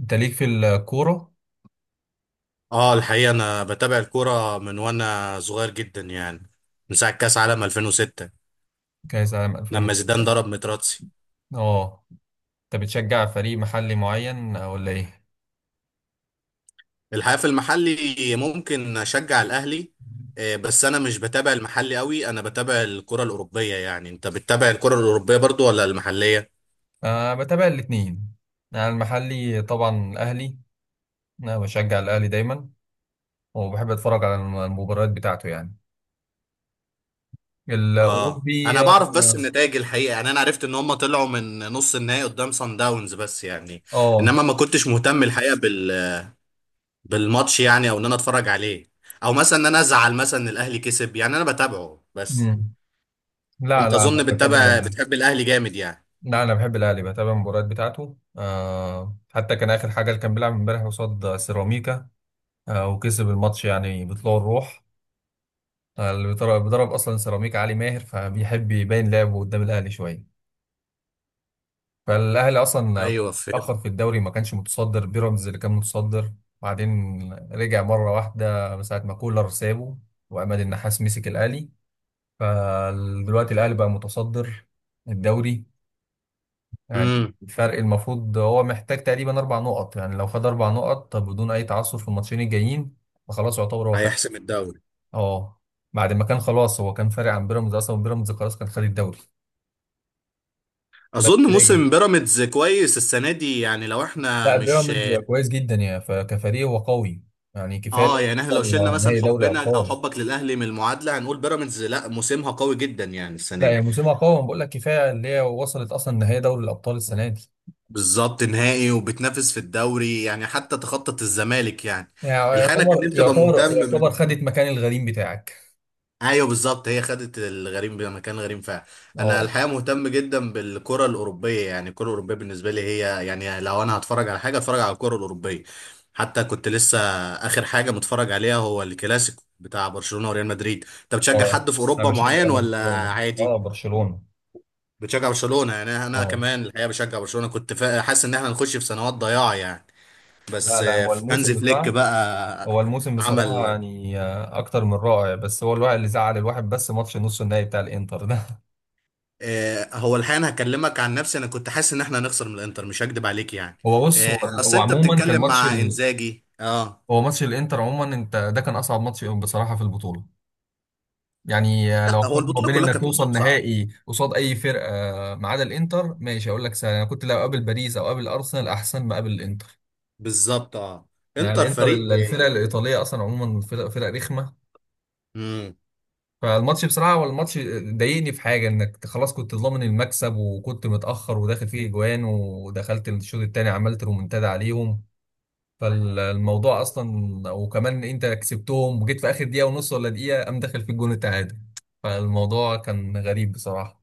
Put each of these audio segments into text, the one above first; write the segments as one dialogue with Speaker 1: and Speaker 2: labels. Speaker 1: انت ليك في الكورة؟
Speaker 2: اه الحقيقة انا بتابع الكورة من وانا صغير جدا يعني من ساعة كأس عالم 2006
Speaker 1: كأس عام
Speaker 2: لما زيدان
Speaker 1: 2006.
Speaker 2: ضرب متراتسي.
Speaker 1: اه. انت بتشجع فريق محلي معين ولا ايه؟
Speaker 2: الحقيقة في المحلي ممكن اشجع الاهلي. بس انا مش بتابع المحلي قوي، انا بتابع الكرة الاوروبية. يعني انت بتتابع الكرة الاوروبية برضو ولا المحلية؟
Speaker 1: أه، بتابع الاتنين. انا المحلي طبعا الاهلي، انا بشجع الاهلي دايما وبحب اتفرج على المباريات بتاعته يعني.
Speaker 2: اه
Speaker 1: الاوروبي
Speaker 2: انا بعرف بس
Speaker 1: اه.
Speaker 2: النتائج الحقيقة، يعني انا عرفت ان هم طلعوا من نص النهائي قدام سان داونز، بس يعني
Speaker 1: آه،
Speaker 2: انما ما كنتش مهتم الحقيقة بالماتش، يعني او ان انا اتفرج عليه او مثلا ان انا ازعل مثلا ان الاهلي كسب. يعني انا بتابعه بس.
Speaker 1: مم. لا
Speaker 2: انت
Speaker 1: لا، انا
Speaker 2: اظن
Speaker 1: بتابع
Speaker 2: بتتابع بتحب الاهلي جامد يعني.
Speaker 1: لا، انا بحب الاهلي، بتابع المباريات بتاعته. حتى كان اخر حاجه اللي كان بيلعب امبارح قصاد سيراميكا. وكسب الماتش يعني بطلوع الروح. اللي بيضرب بيضرب اصلا سيراميك، علي ماهر، فبيحب يبين لعبه قدام الاهلي شويه. فالاهلي اصلا
Speaker 2: ايوه، فهمت.
Speaker 1: اتاخر في الدوري، ما كانش متصدر، بيراميدز اللي كان متصدر، وبعدين رجع مره واحده من ساعه ما كولر سابه وعماد النحاس مسك الاهلي، فدلوقتي الاهلي بقى متصدر الدوري. يعني
Speaker 2: امم
Speaker 1: الفرق المفروض هو محتاج تقريبا اربع نقط، يعني لو خد اربع نقط طب بدون اي تعثر في الماتشين الجايين فخلاص يعتبر هو خد.
Speaker 2: هيحسم الدوري.
Speaker 1: اه. بعد ما كان خلاص هو كان فارق عن بيراميدز، اصلا بيراميدز خلاص كان خد الدوري.
Speaker 2: اظن
Speaker 1: بكتيريا.
Speaker 2: موسم بيراميدز كويس السنه دي، يعني لو احنا
Speaker 1: لا،
Speaker 2: مش
Speaker 1: بيراميدز كويس جدا، كفريق هو قوي. يعني كفايه
Speaker 2: اه.
Speaker 1: اللي
Speaker 2: يعني احنا لو
Speaker 1: وصل
Speaker 2: شلنا مثلا
Speaker 1: نهائي دوري
Speaker 2: حبنا او
Speaker 1: ابطال.
Speaker 2: حبك للاهلي من المعادله، هنقول بيراميدز لا، موسمها قوي جدا يعني
Speaker 1: لا،
Speaker 2: السنه دي.
Speaker 1: هي موسمها قوي، أنا بقول لك كفايه اللي هي وصلت اصلا نهائي دوري الابطال السنه دي.
Speaker 2: بالظبط، نهائي وبتنافس في الدوري، يعني حتى تخطط الزمالك يعني.
Speaker 1: يعني
Speaker 2: الحقيقه أنا كان
Speaker 1: يعتبر
Speaker 2: نفسي ابقى
Speaker 1: يعتبر
Speaker 2: مهتم.
Speaker 1: يعتبر خدت مكان الغريم بتاعك.
Speaker 2: ايوه بالظبط، هي خدت الغريم بمكان غريم فعلا. انا
Speaker 1: اه.
Speaker 2: الحقيقه مهتم جدا بالكره الاوروبيه، يعني الكره الاوروبيه بالنسبه لي هي يعني لو انا هتفرج على حاجه، اتفرج على الكره الاوروبيه. حتى كنت لسه اخر حاجه متفرج عليها هو الكلاسيكو بتاع برشلونه وريال مدريد. انت بتشجع
Speaker 1: اه،
Speaker 2: حد في
Speaker 1: انا
Speaker 2: اوروبا
Speaker 1: بشجع
Speaker 2: معين ولا؟
Speaker 1: برشلونه، اه
Speaker 2: عادي.
Speaker 1: برشلونه.
Speaker 2: بتشجع برشلونه؟ يعني انا
Speaker 1: اه.
Speaker 2: كمان الحقيقه بشجع برشلونه. حاسس ان احنا هنخش في سنوات ضياع يعني. بس
Speaker 1: لا لا،
Speaker 2: هانز فليك بقى
Speaker 1: هو الموسم بصراحه
Speaker 2: عمل
Speaker 1: يعني اكتر من رائع. بس هو الواحد اللي زعل الواحد بس ماتش نص النهائي بتاع الانتر ده.
Speaker 2: هو الحقيقه انا هكلمك عن نفسي، انا كنت حاسس ان احنا هنخسر من الانتر، مش هكدب عليك يعني.
Speaker 1: هو بص هو
Speaker 2: اصل
Speaker 1: هو
Speaker 2: انت
Speaker 1: عموما كان
Speaker 2: بتتكلم مع انزاجي اه.
Speaker 1: هو ماتش الانتر عموما. انت ده كان اصعب ماتش بصراحه في البطوله. يعني
Speaker 2: لا،
Speaker 1: لو
Speaker 2: هو
Speaker 1: قارن ما
Speaker 2: البطوله
Speaker 1: بين
Speaker 2: كلها
Speaker 1: انك
Speaker 2: كانت
Speaker 1: توصل
Speaker 2: ماتشات صعبه.
Speaker 1: نهائي قصاد اي فرقه ما عدا الانتر، ماشي، اقول لك سهل. انا كنت لو قابل باريس او قابل ارسنال احسن ما قابل الانتر.
Speaker 2: بالظبط اه.
Speaker 1: يعني
Speaker 2: انتر
Speaker 1: الانتر
Speaker 2: فريق
Speaker 1: الفرقه الايطاليه اصلا عموما، فرق رخمه.
Speaker 2: امم
Speaker 1: فالماتش بصراحه هو الماتش ضايقني في حاجه، انك خلاص كنت ضامن المكسب وكنت متاخر وداخل فيه اجوان ودخلت الشوط الثاني عملت رومنتادا عليهم. فالموضوع اصلا، وكمان انت كسبتهم وجيت في اخر دقيقه ونص ولا دقيقه قام داخل في الجون التعادل. فالموضوع كان غريب بصراحه.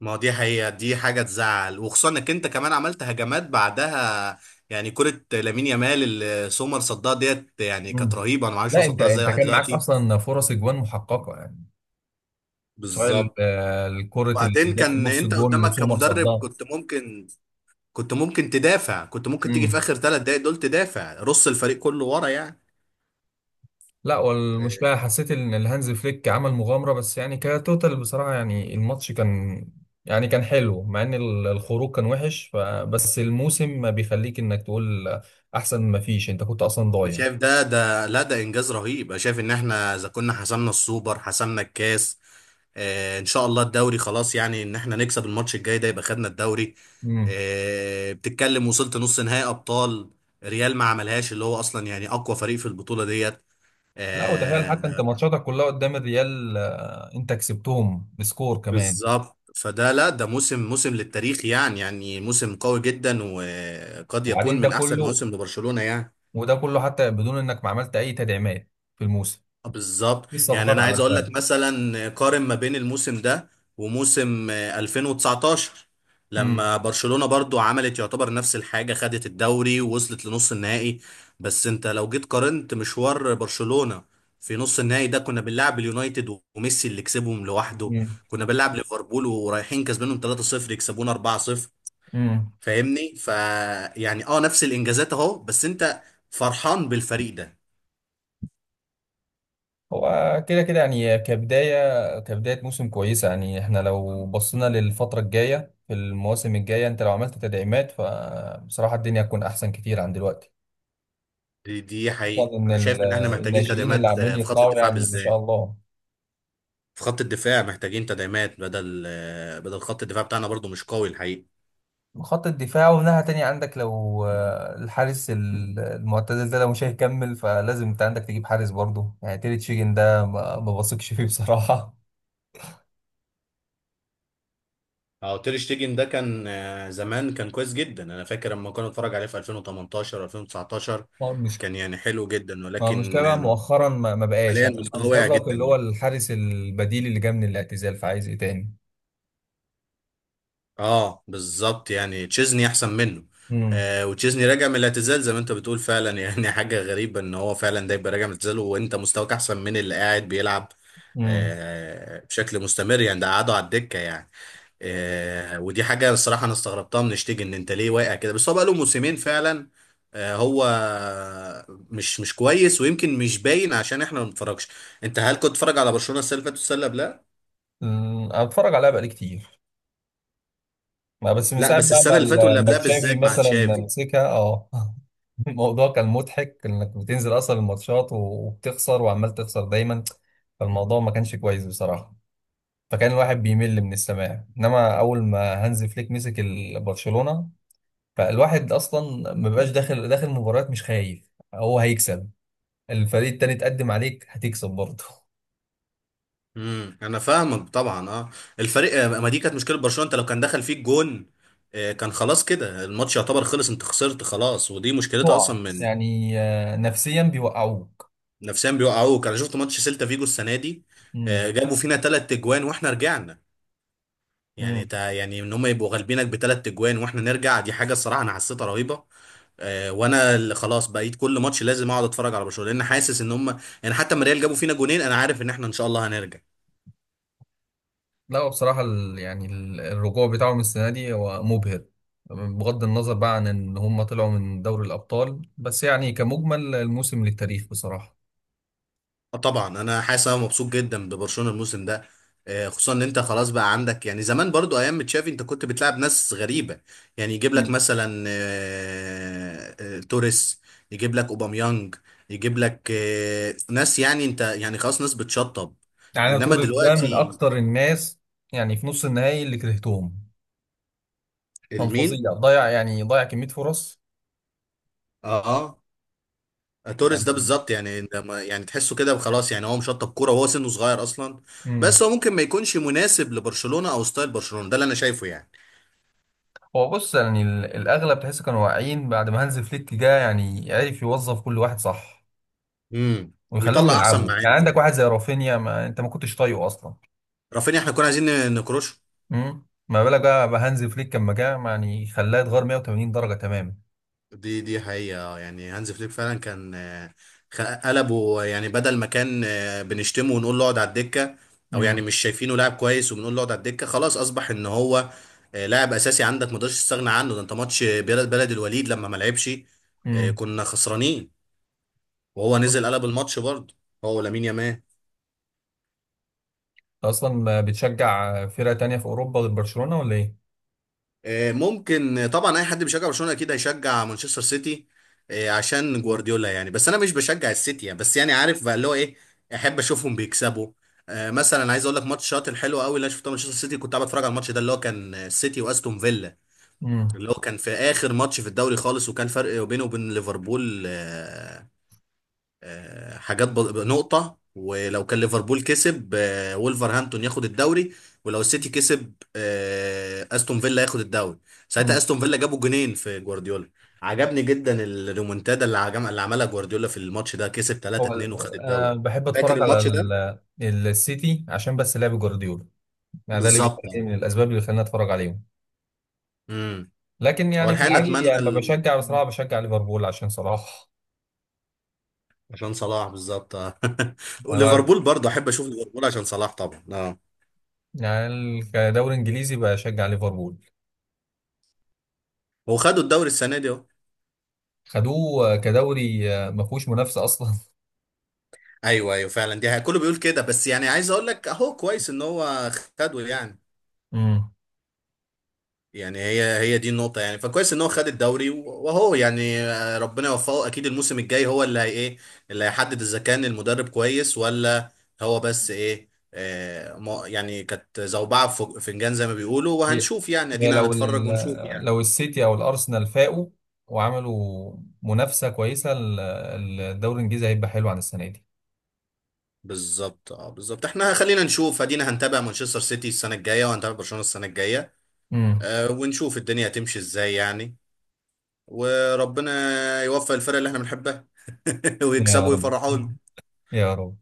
Speaker 2: ما هو دي حقيقه، دي حاجه تزعل، وخصوصا انك انت كمان عملت هجمات بعدها. يعني كره لامين يامال اللي سومر صدها ديت يعني كانت
Speaker 1: مم.
Speaker 2: رهيبه، انا ما اعرفش هو
Speaker 1: لا، انت
Speaker 2: صدها ازاي
Speaker 1: انت
Speaker 2: لحد
Speaker 1: كان معاك
Speaker 2: دلوقتي.
Speaker 1: اصلا فرص اجوان محققه يعني. سواء
Speaker 2: بالظبط.
Speaker 1: الكره اللي
Speaker 2: وبعدين
Speaker 1: جت في
Speaker 2: كان
Speaker 1: نص
Speaker 2: انت
Speaker 1: الجون
Speaker 2: قدامك
Speaker 1: سومر
Speaker 2: كمدرب
Speaker 1: صدها.
Speaker 2: كنت ممكن، كنت ممكن تدافع، كنت ممكن تيجي في
Speaker 1: مم.
Speaker 2: اخر 3 دقايق دول تدافع، رص الفريق كله ورا يعني.
Speaker 1: لا، والمشكلة
Speaker 2: آه،
Speaker 1: حسيت ان الهانز فليك عمل مغامرة، بس يعني كتوتال بصراحة. يعني الماتش كان يعني كان حلو مع ان الخروج كان وحش بس الموسم ما بيخليك انك تقول احسن ما فيش، انت كنت اصلا
Speaker 2: انا
Speaker 1: ضايع.
Speaker 2: شايف ده، لا، ده انجاز رهيب. انا شايف ان احنا اذا كنا حسمنا السوبر، حسمنا الكاس، آه ان شاء الله الدوري خلاص، يعني ان احنا نكسب الماتش الجاي ده يبقى خدنا الدوري.
Speaker 1: مم.
Speaker 2: آه بتتكلم، وصلت نص نهائي ابطال. ريال ما عملهاش، اللي هو اصلا يعني اقوى فريق في البطولة ديت.
Speaker 1: لا، وتخيل حتى انت
Speaker 2: آه،
Speaker 1: ماتشاتك كلها قدام الريال، انت كسبتهم بسكور كمان.
Speaker 2: بالظبط. فده لا، ده موسم، موسم للتاريخ يعني، يعني موسم قوي جدا، وقد
Speaker 1: وبعدين
Speaker 2: يكون
Speaker 1: ده
Speaker 2: من احسن
Speaker 1: كله
Speaker 2: موسم لبرشلونة يعني.
Speaker 1: وده كله حتى بدون انك ما عملت اي تدعيمات في الموسم.
Speaker 2: آه بالظبط.
Speaker 1: دي الصفقات
Speaker 2: يعني انا
Speaker 1: اللي
Speaker 2: عايز اقول
Speaker 1: عملتها.
Speaker 2: لك مثلا قارن ما بين الموسم ده وموسم 2019،
Speaker 1: امم.
Speaker 2: لما برشلونة برضو عملت يعتبر نفس الحاجة، خدت الدوري ووصلت لنص النهائي. بس انت لو جيت قارنت مشوار برشلونة في نص النهائي ده، كنا بنلعب اليونايتد وميسي اللي كسبهم لوحده، كنا بنلعب ليفربول ورايحين كسبانهم 3-0، يكسبونا 4-0.
Speaker 1: امم.
Speaker 2: فاهمني؟ ف يعني اه نفس الانجازات اهو، بس انت فرحان بالفريق ده.
Speaker 1: هو كده كده يعني، كبداية موسم كويسة. يعني احنا لو بصينا للفترة الجاية في المواسم الجاية انت لو عملت تدعيمات فبصراحة الدنيا هتكون أحسن كتير عن دلوقتي.
Speaker 2: دي حقيقة،
Speaker 1: خصوصا إن
Speaker 2: انا شايف ان احنا محتاجين
Speaker 1: الناشئين اللي
Speaker 2: تدعيمات
Speaker 1: عمالين
Speaker 2: في خط
Speaker 1: يطلعوا
Speaker 2: الدفاع
Speaker 1: يعني ما شاء
Speaker 2: بالذات.
Speaker 1: الله.
Speaker 2: في خط الدفاع محتاجين تدعيمات بدل بدل خط الدفاع بتاعنا، برضو مش قوي الحقيقة.
Speaker 1: خط الدفاع ومن ناحية تانية عندك، لو الحارس المعتزل ده لو مش هيكمل فلازم انت عندك تجيب حارس برضه. يعني تيري تشيجن ده ما بثقش فيه بصراحة.
Speaker 2: اه، تير شتيجن ده كان زمان كان كويس جدا، انا فاكر لما كنا نتفرج عليه في 2018 2019، كان يعني حلو جدا.
Speaker 1: ما هو المشكلة
Speaker 2: ولكن
Speaker 1: بقى مؤخرا ما بقاش،
Speaker 2: حاليا
Speaker 1: يعني اللي
Speaker 2: مستواه واقع
Speaker 1: أنقذك
Speaker 2: جدا
Speaker 1: اللي هو
Speaker 2: يعني.
Speaker 1: الحارس البديل اللي جه من الاعتزال، فعايز إيه تاني؟
Speaker 2: اه بالظبط، يعني تشيزني احسن منه.
Speaker 1: امم.
Speaker 2: آه وتشيزني راجع من الاعتزال زي ما انت بتقول فعلا. يعني حاجه غريبه ان هو فعلا ده يبقى راجع من الاعتزال وانت مستواك احسن من اللي قاعد بيلعب
Speaker 1: امم.
Speaker 2: آه بشكل مستمر. يعني ده قعدوا على الدكه يعني. آه ودي حاجه الصراحه انا استغربتها من شتيجن، ان انت ليه واقع كده؟ بس هو بقى له موسمين فعلا آه. هو مش كويس، ويمكن مش باين عشان احنا ما بنتفرجش. انت هل كنت تتفرج على برشلونه السنه اللي فاتت والسنه اللي قبلها؟
Speaker 1: أمم، أتفرج عليها بقالي كتير. ما بس من
Speaker 2: لا
Speaker 1: ساعة
Speaker 2: بس
Speaker 1: بقى
Speaker 2: السنه
Speaker 1: ما
Speaker 2: اللي فاتت واللي
Speaker 1: ما
Speaker 2: قبلها
Speaker 1: تشافي
Speaker 2: بالذات مع
Speaker 1: مثلا
Speaker 2: تشافي.
Speaker 1: مسكها، أه. الموضوع كان مضحك إنك بتنزل أصلا الماتشات وبتخسر وعمال تخسر دايما. فالموضوع ما كانش كويس بصراحة، فكان الواحد بيمل من السماع. إنما أول ما هانز فليك مسك برشلونة فالواحد أصلا ما بقاش داخل مباريات مش خايف هو هيكسب. الفريق التاني تقدم عليك هتكسب برضه،
Speaker 2: امم، انا فاهمك طبعا اه. الفريق ما دي كانت مشكله برشلونه، انت لو كان دخل فيك جون، كان خلاص كده الماتش يعتبر خلص، انت خسرت خلاص، ودي مشكلتها
Speaker 1: تقع
Speaker 2: اصلا من،
Speaker 1: يعني نفسيا بيوقعوك.
Speaker 2: نفسيا بيوقعوك. انا شفت ماتش سيلتا فيجو السنه دي،
Speaker 1: امم.
Speaker 2: جابوا فينا 3 اجوان واحنا رجعنا. يعني
Speaker 1: امم.
Speaker 2: تا يعني ان هم يبقوا غالبينك بثلاث اجوان واحنا نرجع، دي حاجه الصراحه انا حسيتها رهيبه. وانا اللي خلاص بقيت كل ماتش لازم اقعد اتفرج على برشلونه، لان حاسس ان هم، يعني حتى ما ريال جابوا فينا جونين انا عارف ان احنا ان شاء الله هنرجع.
Speaker 1: لا، هو بصراحة الرجوع بتاعهم السنة دي هو مبهر. بغض النظر بقى عن ان هم طلعوا من دوري الابطال، بس يعني كمجمل الموسم للتاريخ بصراحة.
Speaker 2: آه طبعا انا حاسس، انا مبسوط جدا ببرشلونه الموسم ده. خصوصا ان انت خلاص بقى عندك، يعني زمان برضو ايام ما تشافي انت كنت بتلعب ناس غريبه، يعني يجيب لك
Speaker 1: مم.
Speaker 2: مثلا توريس، يجيب لك اوباميانج، يجيب لك ناس يعني انت يعني خلاص ناس بتشطب.
Speaker 1: يعني أنا
Speaker 2: انما
Speaker 1: توريس ده من
Speaker 2: دلوقتي
Speaker 1: اكتر الناس يعني في نص النهائي اللي كرهتهم. كان
Speaker 2: المين؟
Speaker 1: فظيع، ضيع يعني، ضيع كمية فرص
Speaker 2: اه اه، توريس
Speaker 1: يعني.
Speaker 2: ده بالظبط، يعني ده ما- يعني تحسه كده وخلاص، يعني هو مشطب كوره وهو سنه صغير اصلا.
Speaker 1: امم.
Speaker 2: بس هو ممكن ما يكونش مناسب لبرشلونه او ستايل برشلونه ده اللي انا شايفه يعني.
Speaker 1: هو بص، يعني الأغلب تحس كانوا واعيين بعد ما هانز فليك جه. يعني عرف يوظف كل واحد صح
Speaker 2: امم،
Speaker 1: ويخلوهم
Speaker 2: ويطلع احسن ما
Speaker 1: يلعبوا. يعني
Speaker 2: عنده
Speaker 1: عندك
Speaker 2: يعني.
Speaker 1: واحد زي رافينيا، ما أنت ما كنتش طايقه أصلا.
Speaker 2: رافينيا احنا كنا عايزين نكروشه.
Speaker 1: امم. ما بالك بقى بهانز فليك لما جه يعني خلاه يتغير 180 درجة تماما.
Speaker 2: دي حقيقة، يعني هانز فليك فعلا كان خ- قلبه، يعني بدل ما كان بنشتمه ونقول له اقعد على الدكة، او يعني
Speaker 1: امم.
Speaker 2: مش شايفينه لاعب كويس وبنقول له اقعد على الدكة، خلاص اصبح ان هو لاعب اساسي عندك ما تقدرش تستغنى عنه. ده انت ماتش بلد الوليد لما ما لعبش،
Speaker 1: امم.
Speaker 2: كنا خسرانين، وهو نزل قلب الماتش برضه، هو ولامين يامال.
Speaker 1: أصلا بتشجع فرقة تانية في أوروبا غير برشلونة ولا إيه؟
Speaker 2: ممكن طبعا، اي حد بيشجع برشلونه اكيد هيشجع مانشستر سيتي، عشان
Speaker 1: مم.
Speaker 2: جوارديولا يعني. بس انا مش بشجع السيتي يعني، بس يعني عارف بقى اللي هو ايه، احب اشوفهم بيكسبوا. مثلا عايز اقول لك ماتش شاط الحلو قوي اللي انا شفته مانشستر سيتي، كنت قاعد اتفرج على الماتش ده اللي هو كان السيتي واستون فيلا،
Speaker 1: امم.
Speaker 2: اللي هو كان في اخر ماتش في الدوري خالص، وكان فرق بينه وبين ليفربول آه، حاجات ب... نقطة. ولو كان ليفربول كسب وولفرهامبتون، ياخد الدوري. ولو السيتي كسب استون فيلا، ياخد الدوري. ساعتها
Speaker 1: امم.
Speaker 2: استون فيلا جابوا جونين في جوارديولا، عجبني جدا الريمونتادا اللي عملها جوارديولا في الماتش ده، كسب
Speaker 1: هو
Speaker 2: 3-2 وخد
Speaker 1: ال- انا
Speaker 2: الدوري.
Speaker 1: بحب
Speaker 2: فاكر
Speaker 1: اتفرج على
Speaker 2: الماتش ده؟
Speaker 1: السيتي عشان بس لعب جوارديولا، يعني ده اللي
Speaker 2: بالظبط.
Speaker 1: بيخليني، من الاسباب اللي خلاني اتفرج عليهم.
Speaker 2: امم،
Speaker 1: لكن
Speaker 2: هو
Speaker 1: يعني في
Speaker 2: الحقيقة
Speaker 1: العادي
Speaker 2: اتمنى
Speaker 1: لما
Speaker 2: ال...
Speaker 1: بشجع بصراحة
Speaker 2: مم.
Speaker 1: بشجع ليفربول عشان صلاح.
Speaker 2: عشان صلاح بالظبط آه.
Speaker 1: أنا ب-
Speaker 2: وليفربول برضه احب اشوف ليفربول عشان صلاح طبعا اه.
Speaker 1: يعني كدوري انجليزي بشجع ليفربول.
Speaker 2: هو خدوا الدوري السنة دي.
Speaker 1: خدوه كدوري ما فيهوش منافسة اصلا.
Speaker 2: ايوه ايوه فعلا، دي حقيقة. كله بيقول كده، بس يعني عايز اقول لك اهو كويس ان هو خده يعني.
Speaker 1: امم.
Speaker 2: يعني هي دي النقطة يعني. فكويس ان هو خد الدوري، وهو يعني ربنا يوفقه. اكيد الموسم الجاي هو اللي هي ايه، اللي هيحدد اذا كان المدرب كويس ولا. هو بس ايه؟ آه يعني كانت زوبعة في فنجان زي ما بيقولوا،
Speaker 1: هي
Speaker 2: وهنشوف يعني،
Speaker 1: هي
Speaker 2: ادينا
Speaker 1: لو
Speaker 2: هنتفرج ونشوف يعني.
Speaker 1: لو السيتي او الارسنال فاقوا وعملوا منافسة كويسة الدوري الانجليزي هيبقى حلو عن السنة دي.
Speaker 2: بالظبط اه، بالظبط. احنا خلينا نشوف، ادينا هنتابع مانشستر سيتي السنة الجاية، وهنتابع برشلونة السنة الجاية،
Speaker 1: امم.
Speaker 2: آه ونشوف الدنيا هتمشي ازاي يعني. وربنا يوفق الفرق اللي احنا بنحبها، ويكسبوا
Speaker 1: يا رب،
Speaker 2: ويفرحونا.
Speaker 1: يا رب.